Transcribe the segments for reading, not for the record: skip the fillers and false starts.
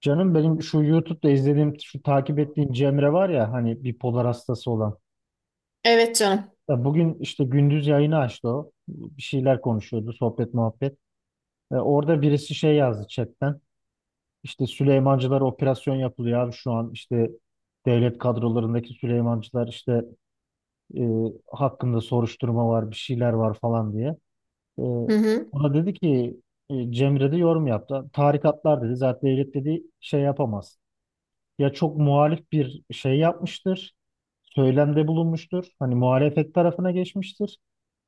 Canım benim şu YouTube'da izlediğim, şu takip ettiğim Cemre var ya hani bipolar hastası olan. Evet, canım. Ya bugün işte gündüz yayını açtı o. Bir şeyler konuşuyordu, sohbet muhabbet. Orada birisi şey yazdı chatten. İşte Süleymancılara operasyon yapılıyor abi şu an işte devlet kadrolarındaki Süleymancılar işte e, hakkında soruşturma var, bir şeyler var falan diye. E, Hı hı. Ona dedi ki Cemre de yorum yaptı. Tarikatlar dedi zaten devlet dedi şey yapamaz ya çok muhalif bir şey yapmıştır, söylemde bulunmuştur, hani muhalefet tarafına geçmiştir.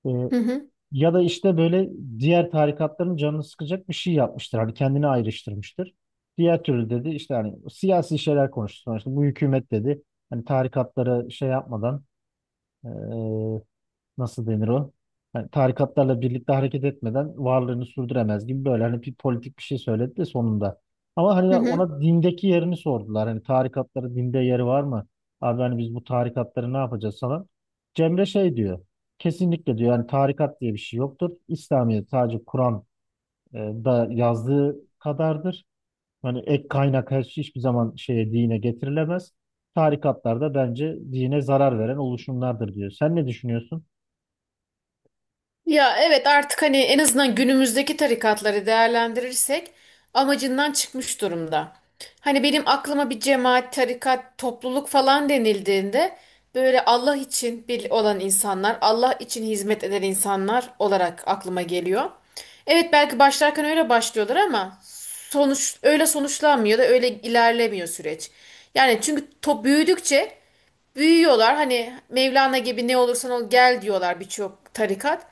Ee, Hı hı. Ya da işte böyle diğer tarikatların canını sıkacak bir şey yapmıştır, hani kendini ayrıştırmıştır. Diğer türlü dedi işte hani siyasi şeyler konuştu sonuçta bu hükümet dedi. Hani tarikatlara şey yapmadan e, nasıl denir o? Yani tarikatlarla birlikte hareket etmeden varlığını sürdüremez gibi böyle hani bir politik bir şey söyledi de sonunda. Ama Hı hani hı. ona dindeki yerini sordular. Hani tarikatların dinde yeri var mı? Abi hani biz bu tarikatları ne yapacağız falan. Cemre şey diyor. Kesinlikle diyor yani tarikat diye bir şey yoktur. İslamiyet sadece Kur'an da yazdığı kadardır. Hani ek kaynak her şey hiçbir zaman şeye dine getirilemez. Tarikatlar da bence dine zarar veren oluşumlardır diyor. Sen ne düşünüyorsun? Ya evet artık hani en azından günümüzdeki tarikatları değerlendirirsek amacından çıkmış durumda. Hani benim aklıma bir cemaat, tarikat, topluluk falan denildiğinde böyle Allah için bir olan insanlar, Allah için hizmet eden insanlar olarak aklıma geliyor. Evet, belki başlarken öyle başlıyorlar ama sonuç öyle sonuçlanmıyor da öyle ilerlemiyor süreç. Yani çünkü top büyüdükçe büyüyorlar. Hani Mevlana gibi ne olursan ol gel diyorlar birçok tarikat.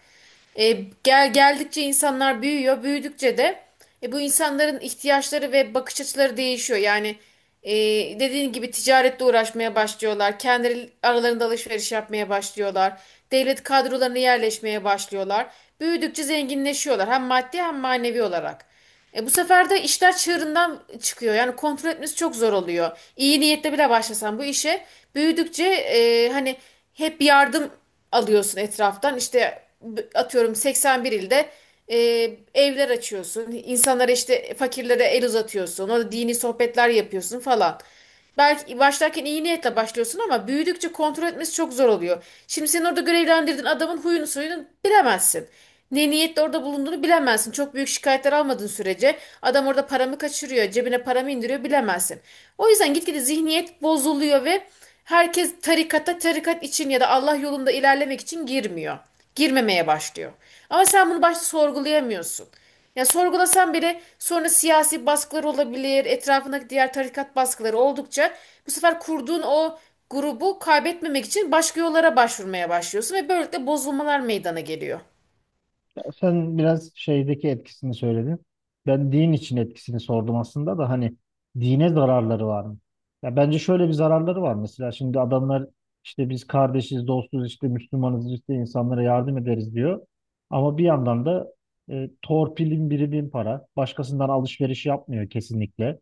E, geldikçe insanlar büyüyor. Büyüdükçe de bu insanların ihtiyaçları ve bakış açıları değişiyor. Yani e, dediğin gibi ticaretle uğraşmaya başlıyorlar. Kendi aralarında alışveriş yapmaya başlıyorlar. Devlet kadrolarına yerleşmeye başlıyorlar. Büyüdükçe zenginleşiyorlar hem maddi hem manevi olarak. Bu sefer de işler çığırından çıkıyor. Yani kontrol etmesi çok zor oluyor. İyi niyetle bile başlasan bu işe büyüdükçe hani hep yardım alıyorsun etraftan. İşte atıyorum 81 ilde e, evler açıyorsun. İnsanlara işte fakirlere el uzatıyorsun. Orada dini sohbetler yapıyorsun falan. Belki başlarken iyi niyetle başlıyorsun ama büyüdükçe kontrol etmesi çok zor oluyor. Şimdi sen orada görevlendirdiğin adamın huyunu suyunu bilemezsin. Ne niyetle orada bulunduğunu bilemezsin. Çok büyük şikayetler almadığın sürece adam orada paramı kaçırıyor, cebine paramı indiriyor bilemezsin. O yüzden gitgide zihniyet bozuluyor ve herkes tarikata tarikat için ya da Allah yolunda ilerlemek için girmiyor. Girmemeye başlıyor. Ama sen bunu başta sorgulayamıyorsun. Ya sorgulasan bile sonra siyasi baskılar olabilir, etrafındaki diğer tarikat baskıları oldukça bu sefer kurduğun o grubu kaybetmemek için başka yollara başvurmaya başlıyorsun ve böylelikle bozulmalar meydana geliyor. Ya sen biraz şeydeki etkisini söyledin. Ben din için etkisini sordum aslında da hani dine zararları var mı? Ya bence şöyle bir zararları var mesela şimdi adamlar işte biz kardeşiz, dostuz, işte Müslümanız, işte insanlara yardım ederiz diyor. Ama bir yandan da torpilin biri bin para. Başkasından alışveriş yapmıyor kesinlikle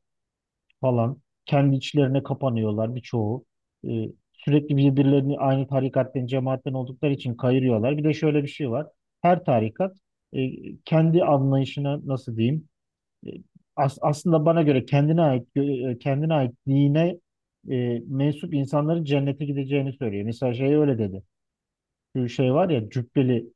falan. Kendi içlerine kapanıyorlar birçoğu. Ee, Sürekli birbirlerini aynı tarikatten, cemaatten oldukları için kayırıyorlar. Bir de şöyle bir şey var. Her tarikat e, kendi anlayışına nasıl diyeyim? e, Aslında bana göre kendine ait kendine ait dine mensup insanların cennete gideceğini söylüyor. Mesela şey öyle dedi. Şu şey var ya Cübbeli,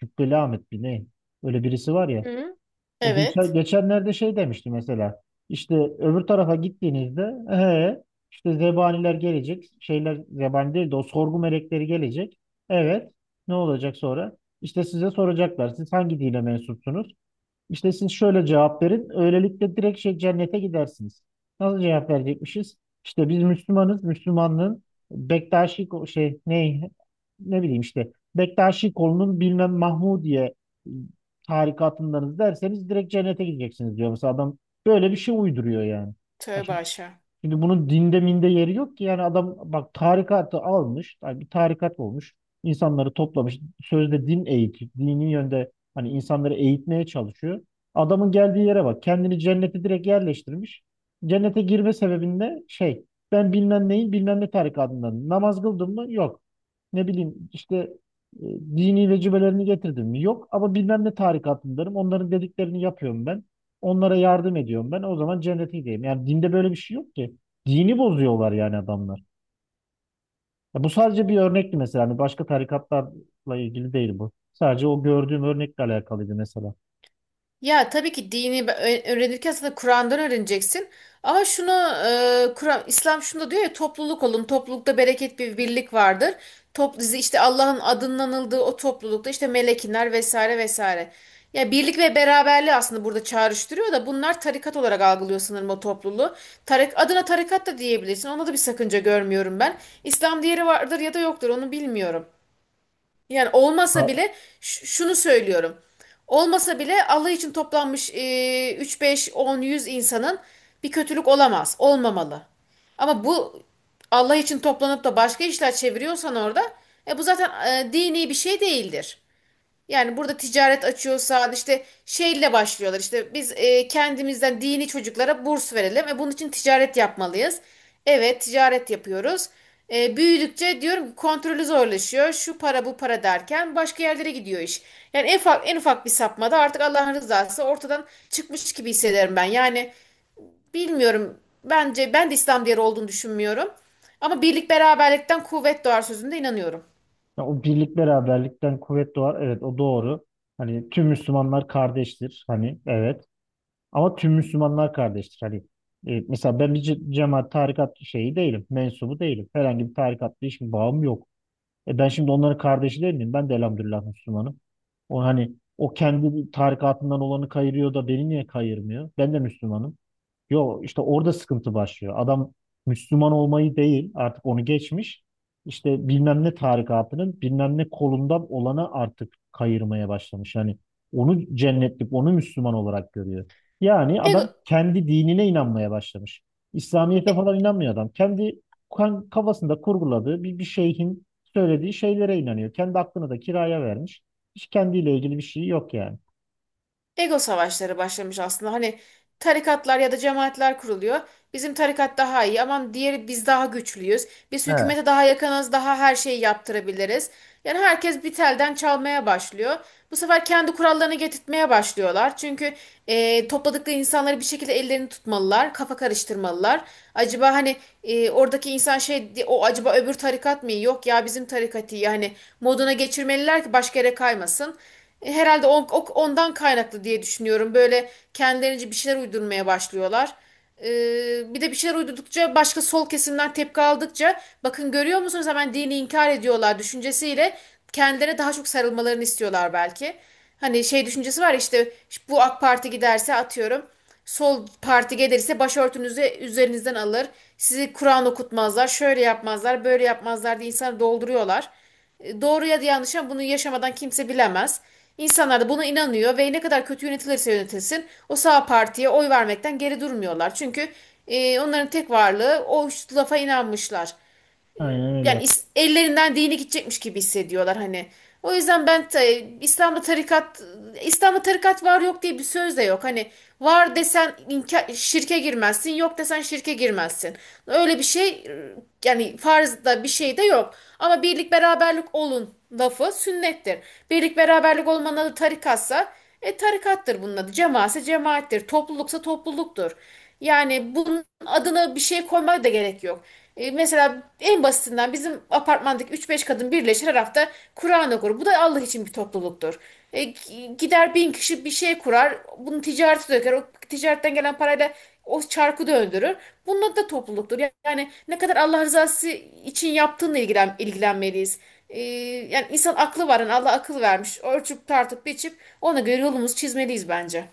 Cübbeli Ahmet bir ne? Öyle birisi var ya. Hı? Bu Evet. geçenlerde şey demişti mesela. İşte öbür tarafa gittiğinizde he, işte zebaniler gelecek. Şeyler zebani değil de o sorgu melekleri gelecek. Evet. Ne olacak sonra? İşte size soracaklar. Siz hangi dine mensupsunuz? İşte siz şöyle cevap verin. Öylelikle direkt şey cennete gidersiniz. Nasıl cevap verecekmişiz? İşte biz Müslümanız. Müslümanlığın Bektaşi ko- şey ne ne bileyim işte Bektaşi kolunun bilmem Mahmudiye e, tarikatındanız derseniz direkt cennete gideceksiniz diyor. Mesela adam böyle bir şey uyduruyor yani. Tövbe aşağı. Şimdi bunun dinde minde yeri yok ki. Yani adam bak tarikatı almış. Yani bir tarikat olmuş. İnsanları toplamış. Sözde din eğitiyor. Dini yönde hani insanları eğitmeye çalışıyor. Adamın geldiği yere bak. Kendini cennete direkt yerleştirmiş. Cennete girme sebebinde şey ben bilmem neyin bilmem ne tarikatından namaz kıldım mı? Yok. Ne bileyim işte dini vecibelerini getirdim mi? Yok ama bilmem ne tarikatındarım. Onların dediklerini yapıyorum ben. Onlara yardım ediyorum ben. O zaman cennetindeyim. Yani dinde böyle bir şey yok ki. Dini bozuyorlar yani adamlar. Ya bu sadece bir örnekti mesela. Hani başka tarikatlarla ilgili değil bu. Sadece o gördüğüm örnekle alakalıydı mesela. Ya tabii ki dini öğrenirken aslında Kur'an'dan öğreneceksin. Ama Kur'an İslam şunu da diyor ya, topluluk olun. Toplulukta bereket, bir birlik vardır. Top, işte Allah'ın adının anıldığı o toplulukta işte melekinler vesaire vesaire. Ya birlik ve beraberliği aslında burada çağrıştırıyor da bunlar tarikat olarak algılıyor sanırım o topluluğu. Adına tarikat da diyebilirsin. Ona da bir sakınca görmüyorum ben. İslam, diğeri vardır ya da yoktur onu bilmiyorum. Yani olmasa Ha, bile şunu söylüyorum. Olmasa bile Allah için toplanmış 3, 5, 10, 100 insanın bir kötülük olamaz. Olmamalı. Ama bu Allah için toplanıp da başka işler çeviriyorsan orada bu zaten dini bir şey değildir. Yani burada ticaret açıyorsa işte şeyle başlıyorlar. İşte biz kendimizden dini çocuklara burs verelim ve bunun için ticaret yapmalıyız. Evet, ticaret yapıyoruz. Büyüdükçe diyorum ki kontrolü zorlaşıyor. Şu para bu para derken başka yerlere gidiyor iş. Yani en ufak, en ufak bir sapmada artık Allah'ın rızası ortadan çıkmış gibi hissederim ben. Yani bilmiyorum. Bence ben de İslam değeri olduğunu düşünmüyorum. Ama birlik beraberlikten kuvvet doğar sözünde inanıyorum. ya o birlik beraberlikten kuvvet doğar. Evet o doğru. Hani tüm Müslümanlar kardeştir. Hani evet. Ama tüm Müslümanlar kardeştir. Hani mesela ben bir cemaat tarikat şeyi değilim. Mensubu değilim. Herhangi bir tarikatla hiçbir bağım yok. E ben şimdi onların kardeşi değil miyim? Ben de elhamdülillah Müslümanım. O hani o kendi tarikatından olanı kayırıyor da beni niye kayırmıyor? Ben de Müslümanım. Yo işte orada sıkıntı başlıyor. Adam Müslüman olmayı değil artık onu geçmiş. İşte bilmem ne tarikatının bilmem ne kolundan olana artık kayırmaya başlamış. Yani onu cennetlik, onu Müslüman olarak görüyor. Yani Ego, adam kendi dinine inanmaya başlamış. İslamiyet'e falan inanmıyor adam. Kendi kafasında kurguladığı bir şeyhin söylediği şeylere inanıyor. Kendi aklını da kiraya vermiş. Hiç kendiyle ilgili bir şey yok yani. ego savaşları başlamış aslında. Hani tarikatlar ya da cemaatler kuruluyor. Bizim tarikat daha iyi. Aman, diğeri, biz daha güçlüyüz. Biz He. hükümete daha yakınız, daha her şeyi yaptırabiliriz. Yani herkes bir telden çalmaya başlıyor. Bu sefer kendi kurallarını getirtmeye başlıyorlar. Çünkü topladıkları insanları bir şekilde ellerini tutmalılar, kafa karıştırmalılar. Acaba hani oradaki insan şey, o acaba öbür tarikat mı iyi? Yok ya, bizim tarikat iyi. Yani moduna geçirmeliler ki başka yere kaymasın. Herhalde ondan kaynaklı diye düşünüyorum. Böyle kendilerince bir şeyler uydurmaya başlıyorlar. Bir de bir şeyler uydurdukça başka sol kesimden tepki aldıkça bakın, görüyor musunuz, hemen dini inkar ediyorlar düşüncesiyle kendilerine daha çok sarılmalarını istiyorlar belki. Hani şey düşüncesi var ya işte, bu AK Parti giderse atıyorum sol parti gelirse başörtünüzü üzerinizden alır. Sizi Kur'an okutmazlar, şöyle yapmazlar, böyle yapmazlar diye insanı dolduruyorlar. Doğru ya da yanlış, ama bunu yaşamadan kimse bilemez. İnsanlar da buna inanıyor ve ne kadar kötü yönetilirse yönetilsin o sağ partiye oy vermekten geri durmuyorlar. Çünkü onların tek varlığı o, üç lafa inanmışlar Aynen öyle. yani, ellerinden dini gidecekmiş gibi hissediyorlar hani. O yüzden İslam'da tarikat İslam'da tarikat var yok diye bir söz de yok. Hani var desen şirke girmezsin, yok desen şirke girmezsin. Öyle bir şey yani farzda bir şey de yok. Ama birlik beraberlik olun lafı sünnettir. Birlik beraberlik olmanın adı tarikatsa tarikattır bunun adı. Cemaatse cemaattir. Topluluksa topluluktur. Yani bunun adına bir şey koymaya da gerek yok. Mesela en basitinden bizim apartmandaki üç beş kadın birleşir her hafta Kur'an okur. Bu da Allah için bir topluluktur. Gider bin kişi bir şey kurar. Bunu ticarete döker. O ticaretten gelen parayla o çarkı döndürür. Bunun da topluluktur. Yani ne kadar Allah rızası için yaptığınla ilgilenmeliyiz. E, yani insan aklı var. Yani Allah akıl vermiş. Ölçüp tartıp biçip ona göre yolumuzu çizmeliyiz bence.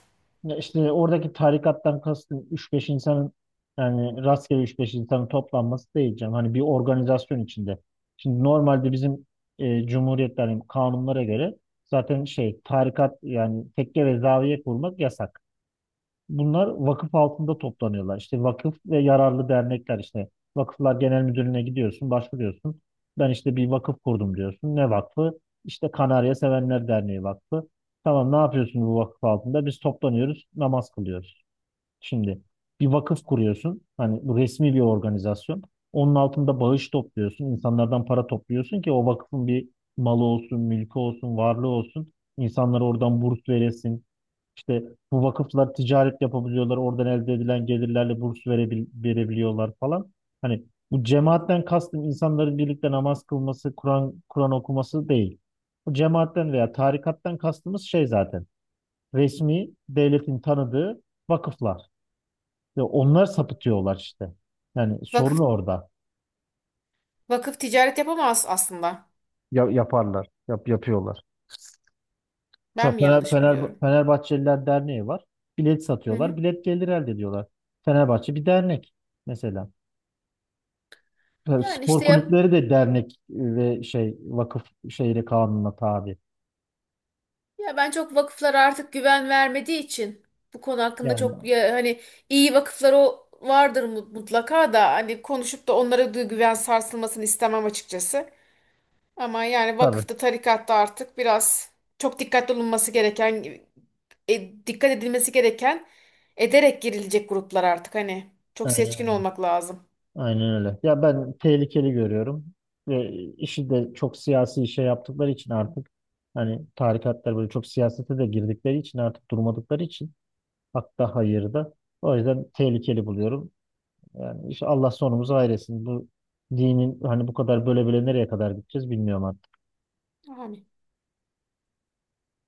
Ya işte oradaki tarikattan kastım üç beş insanın yani rastgele üç beş insanın toplanması değil canım. Hani bir organizasyon içinde. Şimdi normalde bizim cumhuriyetlerin kanunlara göre zaten şey tarikat yani tekke ve zaviye kurmak yasak. Bunlar vakıf altında toplanıyorlar. İşte vakıf ve yararlı dernekler işte. Vakıflar Genel Müdürlüğü'ne gidiyorsun, başvuruyorsun. Ben işte bir vakıf kurdum diyorsun. Ne vakfı? İşte Kanarya Sevenler Derneği Vakfı. Tamam ne yapıyorsun bu vakıf altında? Biz toplanıyoruz, namaz kılıyoruz. Şimdi bir vakıf kuruyorsun. Hani bu resmi bir organizasyon. Onun altında bağış topluyorsun. İnsanlardan para topluyorsun ki o vakfın bir malı olsun, mülkü olsun, varlığı olsun. İnsanlara oradan burs veresin işte bu vakıflar ticaret yapabiliyorlar. Oradan elde edilen gelirlerle burs verebiliyorlar falan. Hani bu cemaatten kastım insanların birlikte namaz kılması, Kur'an okuması değil. Bu cemaatten veya tarikattan kastımız şey zaten. Resmi devletin tanıdığı vakıflar. Ve onlar sapıtıyorlar işte. Yani sorun Vakıf, orada. vakıf ticaret yapamaz aslında. Yaparlar, yapıyorlar. Ben Mesela mi yanlış biliyorum? Fenerbahçeliler Derneği var. Bilet Hı satıyorlar, hı. bilet gelir elde ediyorlar. Fenerbahçe bir dernek mesela. Tabii Yani spor işte yap. kulüpleri de dernek ve şey vakıf şeyle kanuna tabi. Ya ben çok vakıflara artık güven vermediği için bu konu hakkında Yani çok, ya hani iyi vakıflar o vardır mutlaka, da hani konuşup da onlara güven sarsılmasını istemem açıkçası. Ama yani tabii. vakıfta tarikatta artık biraz çok dikkatli olunması gereken, dikkat edilmesi gereken, ederek girilecek gruplar artık hani çok Aynen, seçkin öyle. olmak lazım. Aynen öyle. Ya ben tehlikeli görüyorum ve işi de çok siyasi şey yaptıkları için artık hani tarikatlar böyle çok siyasete de girdikleri için artık durmadıkları için hatta hayır da o yüzden tehlikeli buluyorum. Yani işte Allah sonumuzu hayretsin. Bu dinin hani bu kadar böyle böyle nereye kadar gideceğiz bilmiyorum. Amin.